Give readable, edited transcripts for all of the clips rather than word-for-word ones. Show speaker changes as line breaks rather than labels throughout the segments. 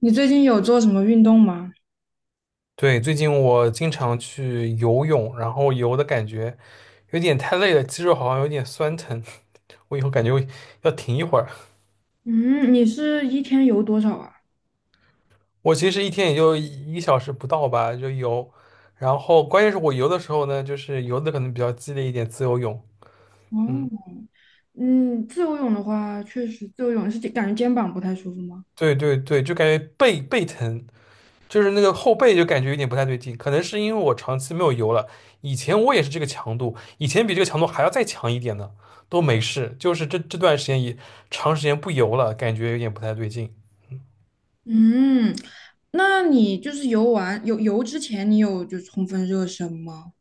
你最近有做什么运动吗？
对，最近我经常去游泳，然后游的感觉有点太累了，肌肉好像有点酸疼，我以后感觉我要停一会儿。
嗯，你是一天游多少啊？
我其实一天也就一个小时不到吧，就游，然后关键是我游的时候呢，就是游的可能比较激烈一点，自由泳，嗯，
哦，嗯，自由泳的话，确实自由泳是感觉肩膀不太舒服吗？
对对对，就感觉背背疼，就是那个后背就感觉有点不太对劲，可能是因为我长期没有游了。以前我也是这个强度，以前比这个强度还要再强一点呢，都没事。就是这段时间也长时间不游了，感觉有点不太对劲。
嗯，那你就是游完游之前，你有就充分热身吗？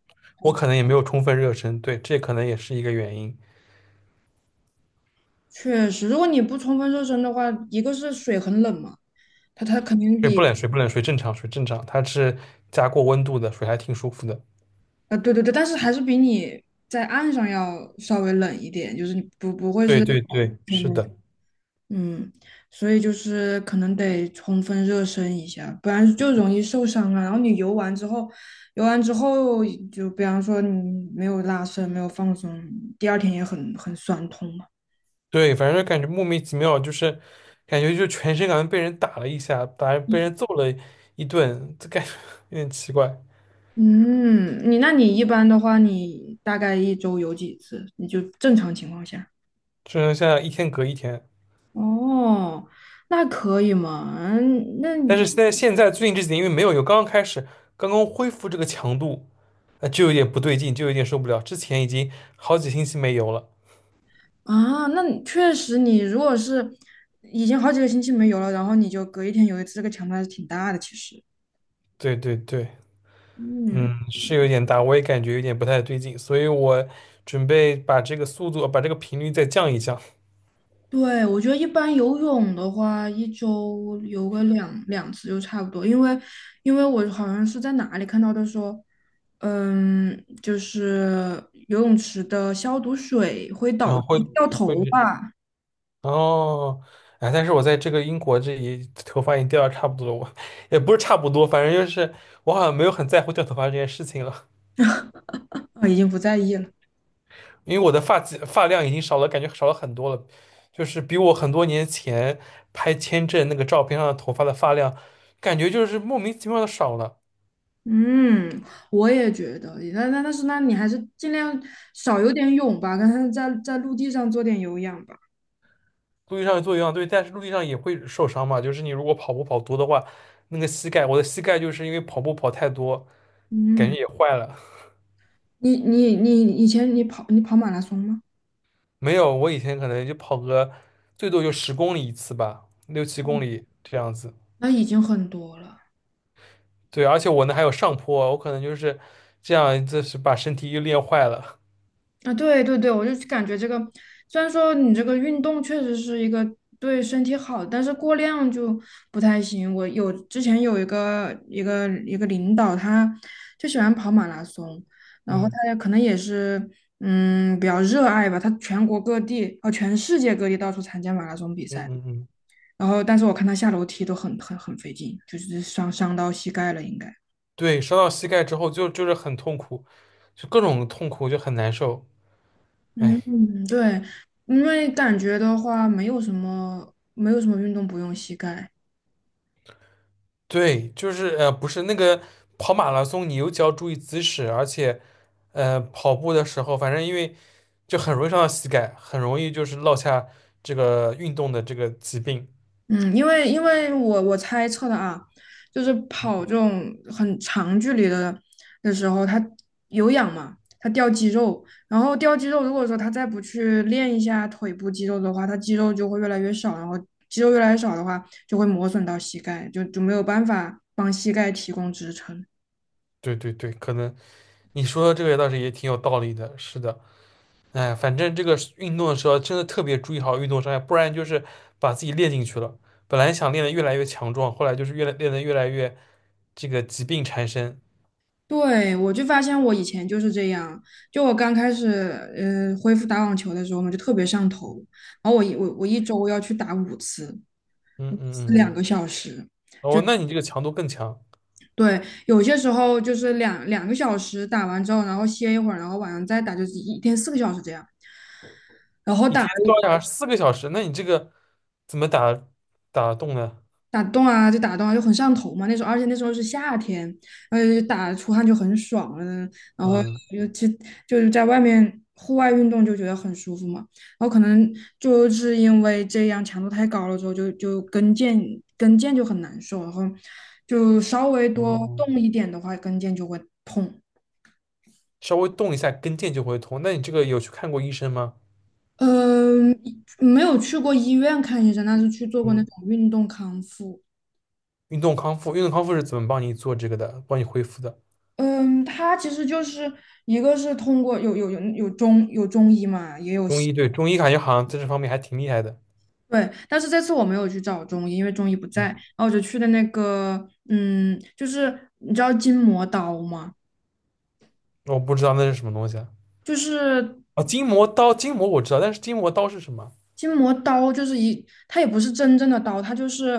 我可能也没有充分热身，对，这可能也是一个原因。
确实，如果你不充分热身的话，一个是水很冷嘛，它肯定
水
比
不冷，水不冷，水正常，水正常，它是加过温度的，水还挺舒服的。
对对对，但是还是比你在岸上要稍微冷一点，就是你不会
对
是。
对对，是的，
嗯，所以就是可能得充分热身一下，不然就容易受伤啊。然后你游完之后，游完之后就比方说你没有拉伸，没有放松，第二天也很酸痛嘛。
对，反正感觉莫名其妙，就是感觉就全身感觉被人打了一下，打被人揍了一顿，这感觉 有点奇怪。
嗯，你那你一般的话，你大概一周游几次？你就正常情况下。
就是现在一天隔一天，
哦，那可以嘛？嗯那
但
你
是现在最近这几天因为没有有刚刚开始，刚刚恢复这个强度，那就有点不对劲，就有点受不了。之前已经好几星期没油了，
啊，那你确实，你如果是已经好几个星期没游了，然后你就隔一天游一次，这个强度还是挺大的，其实。
对对对，
嗯，
嗯，是有点大，我也感觉有点不太对劲，所以我准备把这个速度，把这个频率再降一降，
对，我觉得一般游泳的话，一周游个两次就差不多，因为因为我好像是在哪里看到的说，嗯，就是游泳池的消毒水会
然
导
后
致
会
掉
会
头发，
哦，哎，但是我在这个英国这里头发已经掉的差不多了，我 也不是差不多，反正就是我好像没有很在乎掉头发这件事情了。
啊，已经不在意了。
因为我的发际发量已经少了，感觉少了很多了，就是比我很多年前拍签证那个照片上的头发的发量，感觉就是莫名其妙的少了。
嗯，我也觉得，那但是那你还是尽量少游点泳吧，跟他在陆地上做点有氧吧。
陆地上做有氧对，但是陆地上也会受伤嘛，就是你如果跑步跑多的话，那个膝盖，我的膝盖就是因为跑步跑太多，感觉
嗯，
也坏了。
你以前你跑你跑马拉松吗？
没有，我以前可能就跑个最多就10公里一次吧，六七公里这样子。
那已经很多了。
对，而且我那还有上坡，我可能就是这样，就是把身体又练坏了。
啊，对对对，我就感觉这个，虽然说你这个运动确实是一个对身体好，但是过量就不太行。我有之前有一个领导，他就喜欢跑马拉松，然后
嗯
他也可能也是嗯比较热爱吧，他全国各地哦全世界各地到处参加马拉松比
嗯
赛，
嗯嗯。
然后但是我看他下楼梯都很费劲，就是伤到膝盖了应该。
对，伤到膝盖之后就是很痛苦，就各种痛苦，就很难受。哎，
嗯，对，因为感觉的话，没有什么，没有什么运动不用膝盖。
对，就是不是那个跑马拉松，你尤其要注意姿势，而且跑步的时候，反正因为就很容易伤到膝盖，很容易就是落下这个运动的这个疾病。
嗯，因为因为我猜测的啊，就是跑
嗯
这种很长距离的的时候，它有氧嘛，它掉肌肉，然后掉肌肉，如果说他再不去练一下腿部肌肉的话，他肌肉就会越来越少，然后肌肉越来越少的话，就会磨损到膝盖，就没有办法帮膝盖提供支撑。
对对对，可能你说的这个倒是也挺有道理的，是的。哎，反正这个运动的时候真的特别注意好运动伤害，不然就是把自己练进去了。本来想练得越来越强壮，后来就是越来练得越来越这个疾病缠身。
对，我就发现我以前就是这样，就我刚开始恢复打网球的时候嘛，就特别上头，然后我一周要去打五次，
嗯
五
嗯
次
嗯，
两个小时，就
哦，那你这个强度更强，
对，有些时候就是两个小时打完之后，然后歇一会儿，然后晚上再打，就是一天四个小时这样，然后
一
打
天
了
高达4个小时，那你这个怎么打打得动呢？
打洞啊，就打洞啊，就很上头嘛。那时候，而且那时候是夏天，然后就打出汗就很爽了。然后
嗯，
尤其就是在外面户外运动就觉得很舒服嘛。然后可能就是因为这样强度太高了之后，就跟腱就很难受，然后就稍微多
哦，
动一点的话，跟腱就会痛。
稍微动一下跟腱就会痛。那你这个有去看过医生吗？
嗯，没有去过医院看医生，但是去做过那
嗯，
种运动康复。
运动康复，运动康复是怎么帮你做这个的，帮你恢复的？
嗯，它其实就是一个是通过有中医嘛，也有
中
西
医，对，中医感觉好像在这方面还挺厉害的。
对，但是这次我没有去找中医，因为中医不在，然
嗯
后我就去的那个，嗯，就是你知道筋膜刀吗？
我不知道那是什么东西啊。
就是
啊，筋膜刀，筋膜我知道，但是筋膜刀是什么？
筋膜刀就是一，它也不是真正的刀，它就是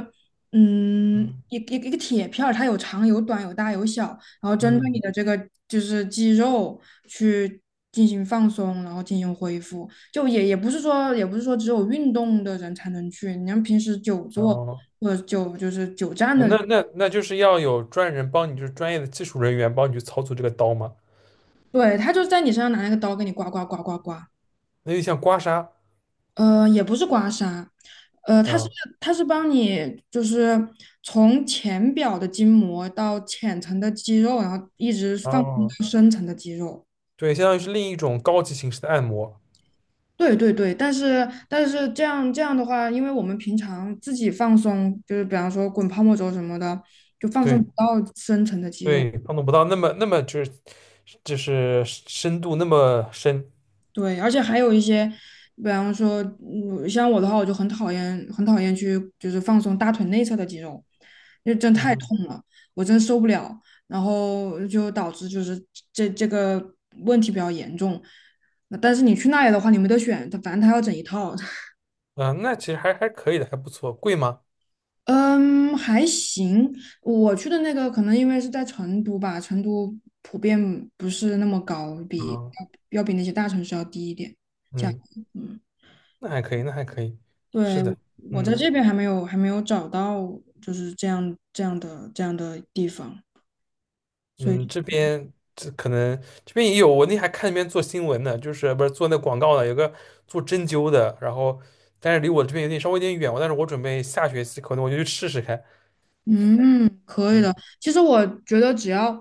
嗯
嗯
一个铁片儿，它有长有短有大有小，然后针对你
嗯，
的这个就是肌肉去进行放松，然后进行恢复。就也不是说也不是说只有运动的人才能去，你像平时久
然
坐
后
或者久就是久站
啊，
的
那
人
那那就是要有专人帮你，就是专业的技术人员帮你去操作这个刀嘛。
对，他就在你身上拿那个刀给你刮。
那就像刮痧，
也不是刮痧，呃，它是
嗯，
它是帮你就是从浅表的筋膜到浅层的肌肉，然后一直放松
哦，
到深层的肌肉。
对，相当于是另一种高级形式的按摩。
对对对，但是这样的话，因为我们平常自己放松，就是比方说滚泡沫轴什么的，就放松
对
不到深层的肌肉。
对，碰触不到那么那么就是就是深度那么深。
对，而且还有一些，比方说，嗯像我的话，我就很讨厌，很讨厌去就是放松大腿内侧的肌肉，因为真
嗯
太
哼，
痛了，我真受不了，然后就导致就是这个问题比较严重。那但是你去那里的话，你没得选，他反正他要整一套。
嗯，那其实还可以的，还不错。贵吗？
嗯，还行。我去的那个可能因为是在成都吧，成都普遍不是那么高，比
啊，
要比那些大城市要低一点。价样，
嗯，
嗯。
那还可以，那还可以。是
对，
的，
我在
嗯。
这边还没有找到，就是这样的地方，所
嗯，
以
这边这可能这边也有，我那还看那边做新闻呢，就是不是做那广告的，有个做针灸的，然后但是离我这边有点稍微有点远，但是我准备下学期可能我就去试试看。
嗯，可以
嗯
的。其实我觉得只要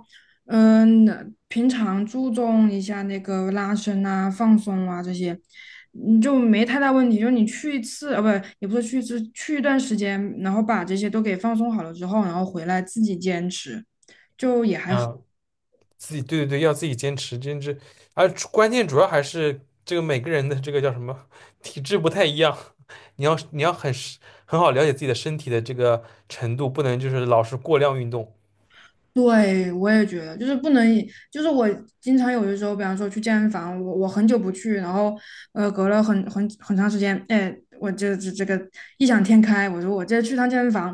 嗯平常注重一下那个拉伸啊、放松啊这些，你就没太大问题。就是你去一次啊，不也不是去一次，去一段时间，然后把这些都给放松好了之后，然后回来自己坚持。就。
啊，自己对对对，要自己坚持坚持，而主关键主要还是这个每个人的这个叫什么体质不太一样，你要很是很好了解自己的身体的这个程度，不能就是老是过量运动，
对，我也觉得，就是不能以就是我经常有的时候，比方说去健身房，我很久不去，然后隔了很长时间，哎，我这个异想天开，我说我这去趟健身房，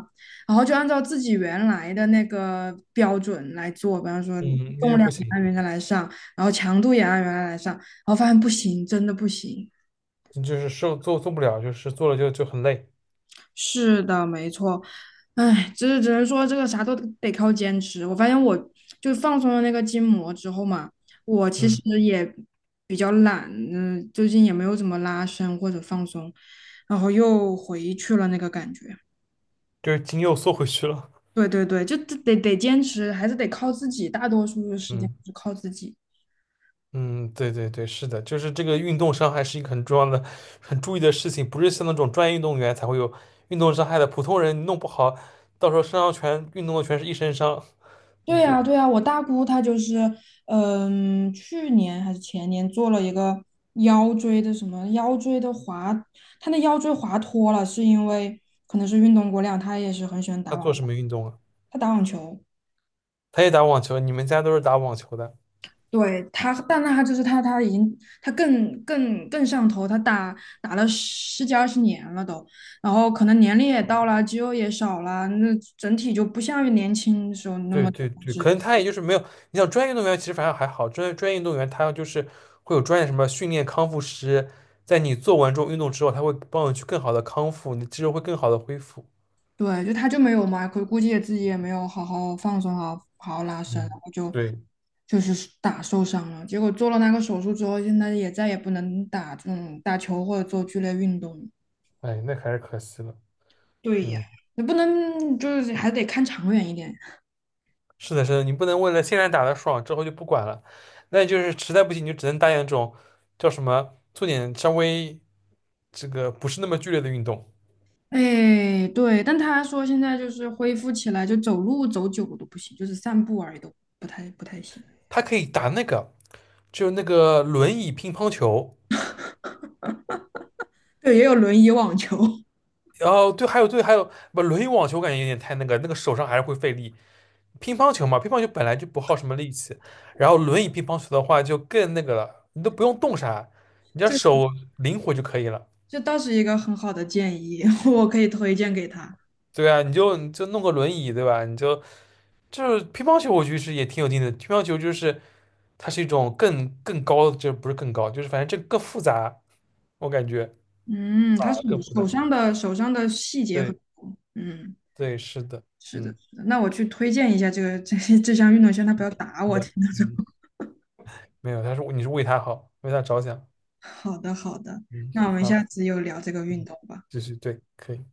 然后就按照自己原来的那个标准来做，比方说
嗯，那
重
就
量
不
也
行，
按原来来上，然后强度也按原来来上，然后发现不行，真的不行。
就是受做不了，就是做了就就很累。
是的，没错，唉，只能说这个啥都得靠坚持。我发现我就放松了那个筋膜之后嘛，我其实
嗯。
也比较懒，嗯，最近也没有怎么拉伸或者放松，然后又回去了那个感觉。
就是筋又缩回去了。
对对对，就得坚持，还是得靠自己，大多数的时间
嗯
是靠自己。
嗯，对对对，是的，就是这个运动伤害是一个很重要的、很注意的事情，不是像那种专业运动员才会有运动伤害的，普通人你弄不好，到时候身上全运动的全是一身伤。
对
嗯，
呀，对呀，我大姑她就是，嗯，去年还是前年做了一个腰椎的什么腰椎的滑，她那腰椎滑脱了，是因为可能是运动过量，她也是很喜欢打
他
网，
做什么运动啊？
她打网球，
他也打网球，你们家都是打网球的。
对她，但她就是她，她已经她更上头，她打打了十几二十年了都，然后可能年龄也到了，肌肉也少了，那整体就不像年轻的时候那
对
么。
对对，可能他也就是没有，你像专业运动员其实反而还好，专业运动员他就是会有专业什么训练康复师，在你做完这种运动之后，他会帮你去更好的康复，你的肌肉会更好的恢复。
对，就他就没有嘛，可估计也自己也没有好好放松啊，好好拉伸，然
嗯，
后就
对。
就是打受伤了。结果做了那个手术之后，现在也再也不能打这种打球或者做剧烈运动了。
哎，那还是可惜了。
对呀，
嗯，
你不能就是还得看长远一点。
是的，是的，你不能为了现在打的爽，之后就不管了。那就是实在不行，你就只能搭点这种叫什么，做点稍微这个不是那么剧烈的运动。
哎，对，但他说现在就是恢复起来，就走路走久了都不行，就是散步而已都不太行。
他可以打那个，就那个轮椅乒乓球。
对，也有轮椅网球，
哦，对，还有对，还有不轮椅网球，我感觉有点太那个，那个手上还是会费力。乒乓球嘛，乒乓球本来就不耗什么力气，然后轮椅乒乓球的话就更那个了，你都不用动啥，你只要
这
手灵活就可以了。
这倒是一个很好的建议，我可以推荐给他。
对啊，你就你就弄个轮椅，对吧？你就就是乒乓球，我觉得是也挺有劲的。乒乓球就是它是一种更高的，这不是更高，就是反正这更复杂，我感觉
嗯，
啊
他手
更复杂。
手上的细节很
对
多。嗯，
对，是的，
是的，
嗯，
是的。那我去推荐一下这个这项运动，先他不要打
是
我。听
的，
到这，
嗯，没有，他是你是为他好，为他着想，
好的，好的。
嗯，
那我们
好，
下次又聊这个运
嗯，
动吧。
就是对，可以。